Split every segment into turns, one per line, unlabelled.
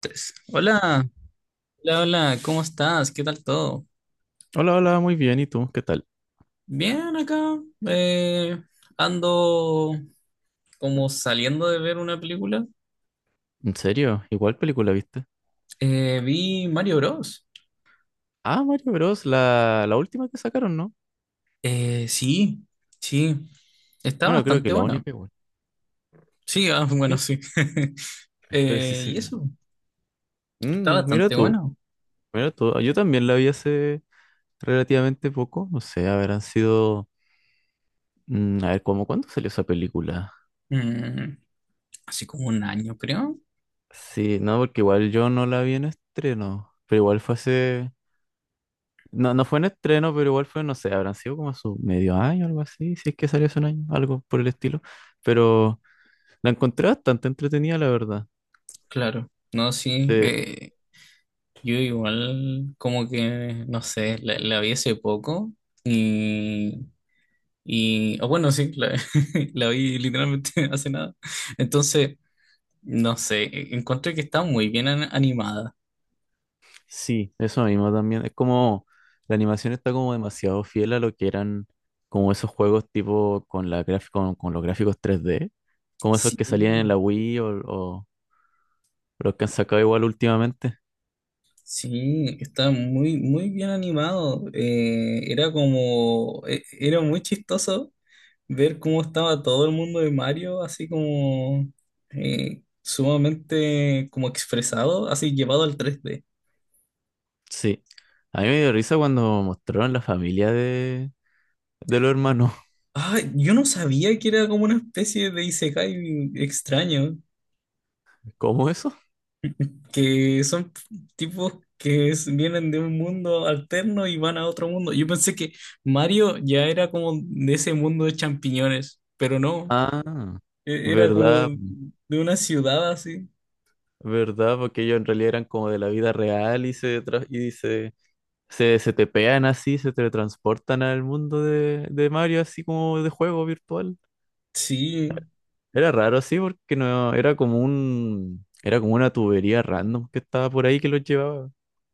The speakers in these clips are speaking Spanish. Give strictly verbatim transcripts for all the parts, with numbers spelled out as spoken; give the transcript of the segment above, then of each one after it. Tres. Hola, hola, hola, ¿cómo estás? ¿Qué tal todo?
Hola, hola, muy bien. ¿Y tú? ¿Qué tal?
Bien acá. eh, Ando como saliendo de ver una película.
¿En serio? ¿Igual película viste?
Eh, vi Mario Bros.
Ah, Mario Bros. La, la última que sacaron, ¿no?
Eh, sí, sí, está
Bueno, creo que
bastante
la
buena.
única igual.
Sí, ah, bueno,
Eh,
sí.
Pero sí,
Eh,
sí.
y eso, está
Mm, mira
bastante
tú,
bueno.
mira tú. Yo también la vi hace relativamente poco. No sé, habrán sido... mm, a ver, ¿cómo cuándo salió esa película?
Mm, así como un año, creo.
Sí, no, porque igual yo no la vi en estreno. Pero igual fue hace... No, no fue en estreno, pero igual fue, no sé, habrán sido como su medio año, algo así. Si es que salió hace un año, algo por el estilo. Pero... La encontré bastante entretenida, la verdad.
Claro, no, sí.
Eh,
Eh, yo igual, como que, no sé, la, la vi hace poco. Y Y, o bueno, sí, la, la vi literalmente hace nada. Entonces, no sé, e- encontré que está muy bien an- animada.
sí, eso mismo también. Es como la animación está como demasiado fiel a lo que eran como esos juegos tipo con la graf- con, con los gráficos tres d como esos
Sí,
que salían en la Wii o, o los que han sacado igual últimamente.
sí, está muy, muy bien animado. Eh, era como, e- era muy chistoso ver cómo estaba todo el mundo de Mario, así como eh, sumamente como expresado, así llevado al tres D.
Sí. A mí me dio risa cuando mostraron la familia de, de los hermanos.
Ah, yo no sabía que era como una especie de isekai extraño.
¿Cómo eso?
Que son tipos que es- vienen de un mundo alterno y van a otro mundo. Yo pensé que Mario ya era como de ese mundo de champiñones, pero no,
Ah,
e- era como
verdad,
de, de una ciudad así.
verdad, porque ellos en realidad eran como de la vida real y se tra- y se Se, se te pegan así, se teletransportan al mundo de, de Mario, así como de juego virtual.
Sí,
Era raro así porque no, era como un, era como una tubería random que estaba por ahí que los llevaba.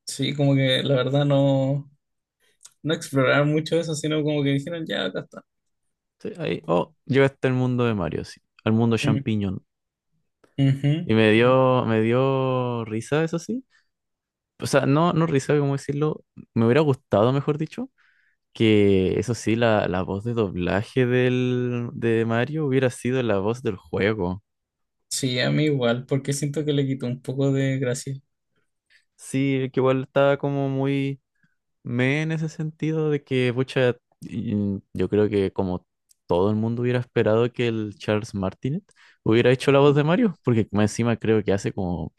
sí, como que la verdad no, no exploraron mucho eso, sino como que dijeron, ya, acá está.
Sí, ahí, oh, llegaste al mundo de Mario, sí, al mundo
Mm,
champiñón. Y me
ujú.
dio, me dio risa, eso sí. O sea, no, no risa, cómo decirlo. Me hubiera gustado, mejor dicho, que eso sí, la, la voz de doblaje del, de Mario hubiera sido la voz del juego.
Sí, a mí igual, porque siento que le quitó un poco de gracia.
Sí, que igual estaba como muy me en ese sentido de que, pucha, y- mm, yo creo que como todo el mundo hubiera esperado que el Charles Martinet hubiera hecho la voz de Mario, porque más encima creo que hace como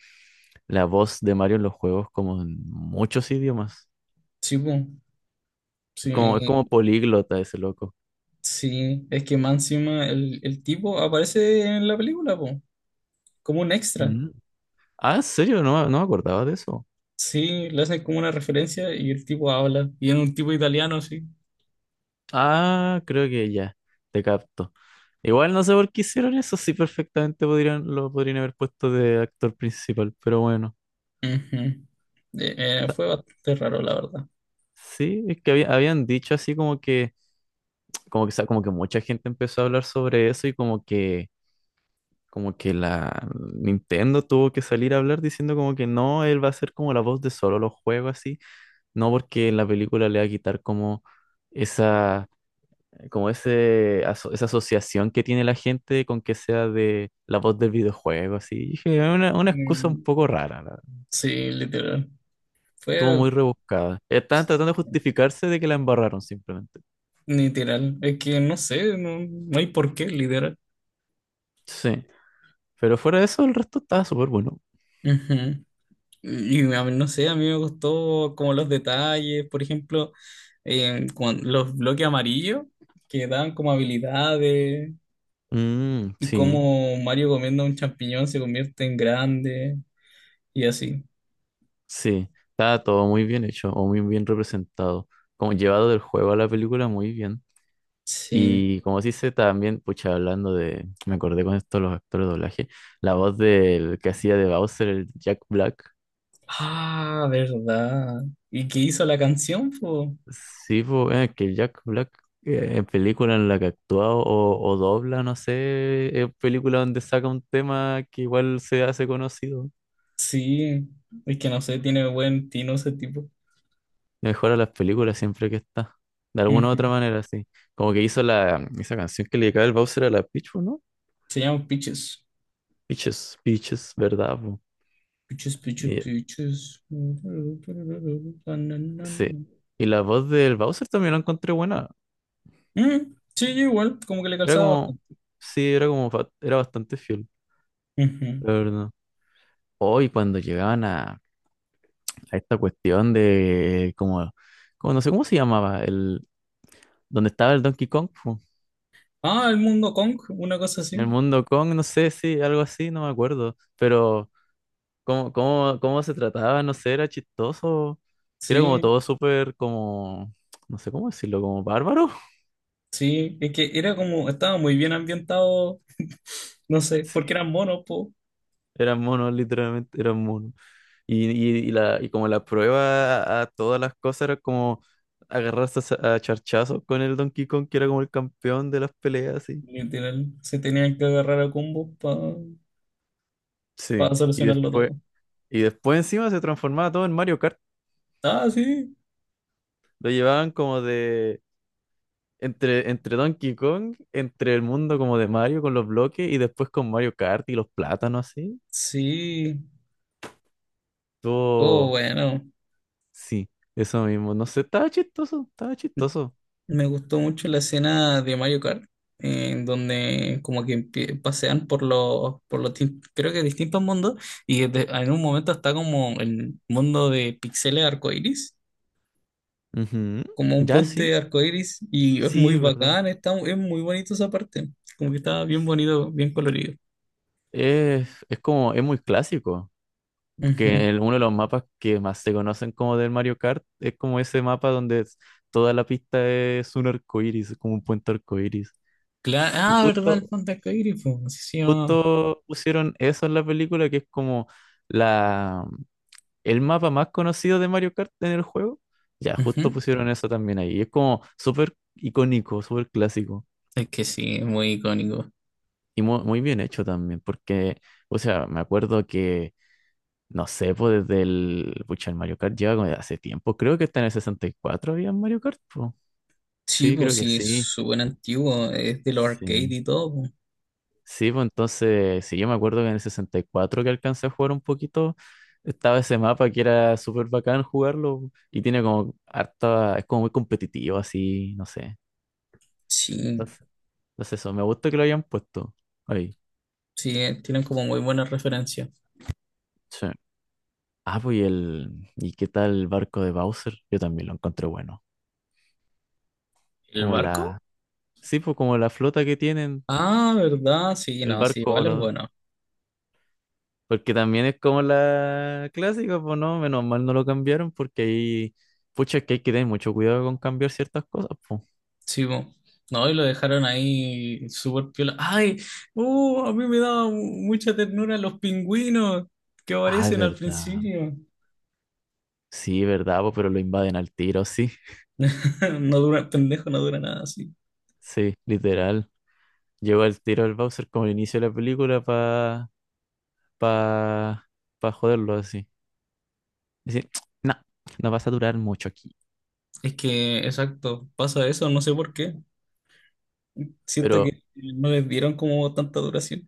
la voz de Mario en los juegos como en muchos idiomas.
Sí, po.
Es como, es como
Sí,
políglota ese loco.
sí, es que más encima el, el tipo aparece en la película, po. Como un extra.
Mm. Ah, ¿en serio? No, no me acordaba de eso.
Sí, le hacen como una referencia y el tipo habla. Y es un tipo italiano, sí.
Ah, creo que ya, te capto. Igual no sé por qué hicieron eso, sí perfectamente podrían, lo podrían haber puesto de actor principal, pero bueno.
Ujú. Eh, eh, fue bastante raro, la verdad.
Sí, es que había- habían dicho así como que, como que, sa- como que mucha gente empezó a hablar sobre eso y como que, como que la Nintendo tuvo que salir a hablar diciendo como que no, él va a ser como la voz de solo los juegos así, no porque en la película le va a quitar como esa, como ese, aso- esa asociación que tiene la gente con que sea de la voz del videojuego así. Y dije, "Es una, una excusa un
Mm,
poco rara, la verdad".
sí, literal.
Estuvo
Fue
muy rebuscada. Estaban tratando de justificarse de que la embarraron simplemente.
literal. Es que no sé, no, no hay por qué, literal.
Sí. Pero fuera de eso, el resto estaba súper bueno.
Ujú. Y a mí, no sé, a mí me gustó como los detalles, por ejemplo, eh, cuan- los bloques amarillos que dan como habilidades
Mm,
y
sí,
cómo Mario comiendo un champiñón se convierte en grande y así.
sí. Estaba todo muy bien hecho o muy bien representado. Como llevado del juego a la película muy bien.
Sí.
Y como se dice también, pucha, hablando de, me acordé con esto de los actores de doblaje, la voz del que hacía de Bowser, el Jack Black.
Ah, verdad. ¿Y qué hizo la canción, po?
Sí, po, eh, que el Jack Black eh, en película en la que actúa o, o dobla, no sé, es película donde saca un tema que igual se hace conocido.
Sí. Es que no sé, tiene buen tino ese tipo.
Mejora las películas siempre que está. De alguna u otra
Ujú.
manera, sí. Como que hizo la, esa canción que le dedicaba el Bowser a la Peach, ¿o ¿no?
Se llama Peaches.
Peaches, Peaches, ¿verdad, po?
Peaches, Peaches,
Y,
Peaches.
sí. Y la voz del Bowser también la encontré buena.
Mm, sí, igual, como que le
Era
calzaba
como,
bastante.
sí, era como, fa- era bastante fiel,
Ujú.
la verdad. Hoy cuando llegaban a, a esta cuestión de, como, como, no sé cómo se llamaba, el, donde estaba el Donkey Kong, po.
Ah, el mundo Kong, una cosa
En el
así.
mundo Kong, no sé, sí, algo así, no me acuerdo. Pero cómo, cómo, cómo se trataba, no sé, era chistoso. Era como
Sí,
todo súper como, no sé cómo decirlo, como bárbaro.
sí. Es que era como, estaba muy bien ambientado. No sé,
Sí,
porque eran monos, po.
eran monos, literalmente, eran monos. Y, y, y la, y como la prueba a todas las cosas era como agarrarse a, sa- a charchazos con el Donkey Kong, que era como el campeón de las peleas, así.
Literal, se tenían que agarrar a combos
Sí,
para
y
solucionarlo
después,
todo.
y después encima se transformaba todo en Mario Kart.
Ah, sí,
Lo llevaban como de, Entre, entre Donkey Kong, entre el mundo como de Mario con los bloques y después con Mario Kart y los plátanos así.
sí, oh
Todo,
bueno.
sí, eso mismo. No sé, estaba chistoso, estaba chistoso.
Me gustó mucho la escena de Mario Kart, en donde como que empie- pasean por los, por los, tin- creo que distintos mundos, y de- en un momento está como el mundo de pixeles arcoíris,
Ujú.
como un
Ya sí,
puente arcoíris, y es
sí,
muy
es verdad.
bacán, está, es muy bonito esa parte, como que está bien bonito, bien colorido.
Es, es como, es muy clásico,
Ujú.
que el- uno de los mapas que más se conocen como del Mario Kart es como ese mapa donde es- toda la pista es un arcoíris, es como un puente arcoíris.
Claro,
Y
ah, verdad,
justo,
el puente arcoíris, pues, así se llamaba.
justo pusieron eso en la película que es como la el mapa más conocido de Mario Kart en el juego. Ya, justo
Ujú.
pusieron eso también ahí. Y es como súper icónico, súper clásico.
Es que sí, es muy icónico.
Y mu- muy, bien hecho también, porque, o sea, me acuerdo que, no sé, pues desde el, pucha, el Mario Kart lleva como de hace tiempo. Creo que está en el sesenta y cuatro había Mario Kart, po.
Sí,
Sí,
pues
creo que
sí, es
sí.
súper antiguo, es de los arcade
Sí.
y todo. Pues.
Sí, pues entonces, sí, yo me acuerdo que en el sesenta y cuatro que alcancé a jugar un poquito, estaba ese mapa que era súper bacán jugarlo y tiene como harta, es como muy competitivo así, no sé.
Sí,
Entonces, entonces eso, me gusta que lo hayan puesto ahí.
sí, eh, tienen como muy buenas referencias.
Sí. Ah, pues y el, ¿y qué tal el barco de Bowser? Yo también lo encontré bueno.
¿El
Como la,
barco?
sí, pues como la flota que tienen,
Ah, ¿verdad? Sí,
el
no, sí,
barco
igual es
volador.
bueno.
Porque también es como la clásica, pues no, menos mal no lo cambiaron porque ahí, pucha, es que hay que tener mucho cuidado con cambiar ciertas cosas, pues.
Sí, pues. No, y lo dejaron ahí súper piola. ¡Ay! ¡Uh! A mí me daba mu- mucha ternura los pingüinos que
Ah, es
aparecen al
verdad.
principio.
Sí, es verdad, po. Pero lo invaden al tiro, sí.
No dura, pendejo, no dura nada, sí.
Sí, literal. Lleva al tiro al Bowser como el inicio de la película para pa, pa pa joderlo así. Decir, no, no vas a durar mucho aquí.
Es que, exacto, pasa eso, no sé por qué. Siento
Pero
que no les dieron como tanta duración.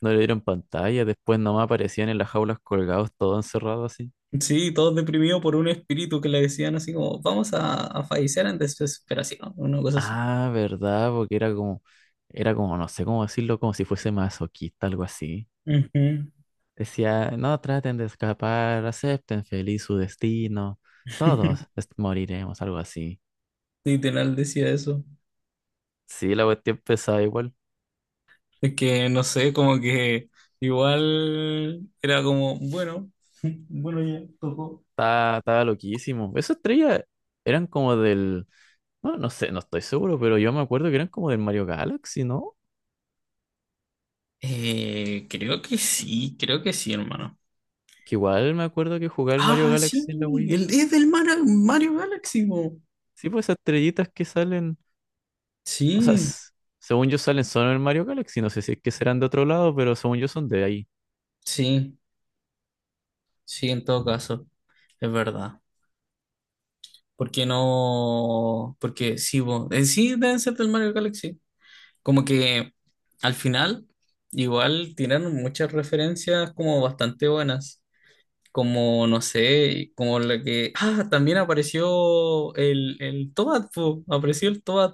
no le dieron pantalla, después nomás aparecían en las jaulas colgados, todos encerrados así.
Sí, todos deprimidos por un espíritu que le decían así como, vamos a, a fallecer en desesperación, una cosa así.
Ah, ¿verdad? Porque era como, era como, no sé cómo decirlo, como si fuese masoquista, algo así.
Ujú.
Decía, no traten de escapar, acepten feliz su destino, todos est- moriremos, algo así.
Literal decía eso.
Sí, la cuestión pesada igual,
Es que no sé, como que igual era como, bueno, bueno, ya tocó.
estaba, estaba loquísimo. Esas estrellas eran como del, no, no sé, no estoy seguro, pero yo me acuerdo que eran como del Mario Galaxy, ¿no?
Eh, creo que sí, creo que sí, hermano.
Que igual me acuerdo que jugaba el Mario
Ah, sí,
Galaxy en la Wii.
el, es del Mara- Mario Galaxy, po.
Sí, pues esas estrellitas que salen. O sea,
Sí,
s- según yo salen solo en Mario Galaxy, no sé si es que serán de otro lado, pero según yo son de ahí.
sí, sí, en todo caso, es verdad. Porque no. Porque sí, bo- eh, sí deben ser del Mario Galaxy. Como que al final, igual tiraron muchas referencias como bastante buenas. Como, no sé, como la que. Ah, también apareció el, el Toad, po. Apareció el Toad.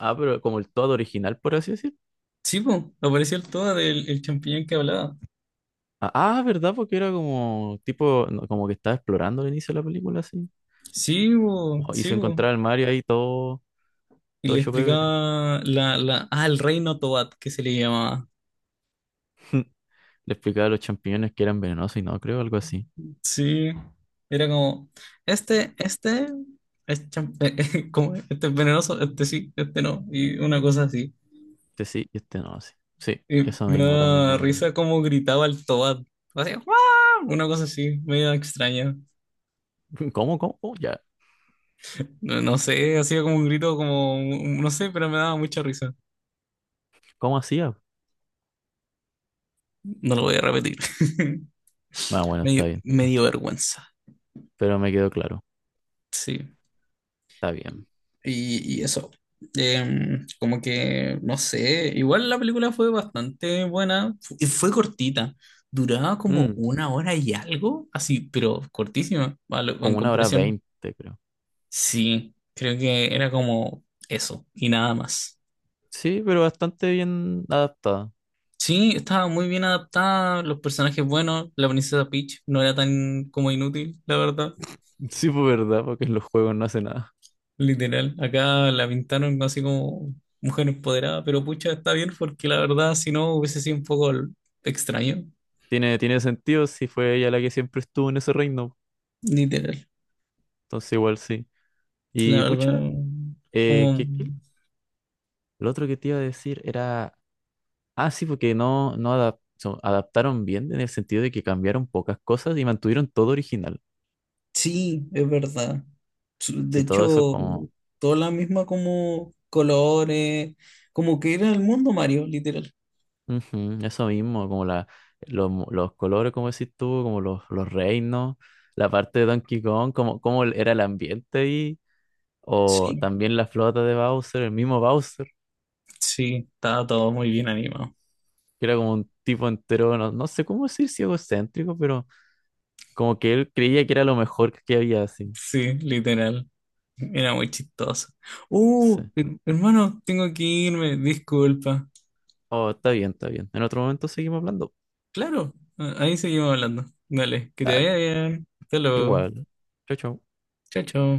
Ah, pero como el todo original, por así decir.
Sí, po. Apareció el Toad, el, el champiñón que hablaba.
Ah, ah, ¿verdad? Porque era como tipo, no, como que estaba explorando al inicio de la película, así.
Sí, po.
Oh, y
Sí,
se
po.
encontraba el Mario ahí todo,
Y
todo
le
hecho pebre.
explicaba la, la. Ah, el reino Toad, que se le llamaba.
Le explicaba a los champiñones que eran venenosos y no, creo, algo así.
Sí, era como, este, este, es cham- eh, eh, como, este es venenoso, este sí, este no, y una cosa así.
Este sí y este no, sí. Sí,
Y
eso
me
mismo también me
da
acuerdo.
risa como gritaba el Tobad, así, ¡guau! Una cosa así, medio extraña.
¿Cómo, cómo? Oh, ya.
No, no sé, hacía como un grito como, no sé, pero me daba mucha risa.
¿Cómo hacía?
No lo voy a repetir.
Ah, bueno,
Me,
está
dio-
bien.
me dio vergüenza,
Pero me quedó claro.
sí.
Está bien.
Y, y eso. Em, como que, no sé, igual la película fue bastante buena. Fu- y Fue cortita. Duraba como
Mm,
una hora y algo, así, pero cortísima, a lo- en
como una hora
comparación.
veinte, creo.
Sí, creo que era como eso y nada más.
Sí, pero bastante bien adaptada.
Sí, estaba muy bien adaptada, los personajes buenos, la princesa Peach no era tan como inútil, la verdad.
Sí, por verdad, porque en los juegos no hace nada.
Literal, acá la pintaron así como mujer empoderada, pero pucha, está bien porque la verdad, si no, hubiese sido un poco l- extraño.
Tiene, tiene sentido si fue ella la que siempre estuvo en ese reino.
Literal,
Entonces igual sí. Y
la verdad,
pucha, eh,
como,
¿qué- qué? Lo otro que te iba a decir era... Ah, sí, porque no, no adap- so- adaptaron bien en el sentido de que cambiaron pocas cosas y mantuvieron todo original.
sí, es verdad. Su- De
Sí, todo eso
hecho,
como...
toda la misma como colores, como que era el mundo Mario, literal.
Ujú, eso mismo, como la, los, mo- los colores, como decís tú, como los, los reinos, la parte de Donkey Kong, como, como era el ambiente ahí. O
Sí,
también la flota de Bowser, el mismo Bowser,
sí, estaba todo muy bien animado.
que era como un tipo entero, no, no sé cómo decir si egocéntrico, pero como que él creía que era lo mejor que había así.
Sí, literal, era muy chistoso.
Sí.
Uh, her- hermano, tengo que irme, disculpa.
Oh, está bien, está bien. En otro momento seguimos hablando.
Claro, ahí seguimos hablando. Dale, que te
Dale,
vaya bien. Hasta luego.
igual. Chau, chau.
Chao, chao.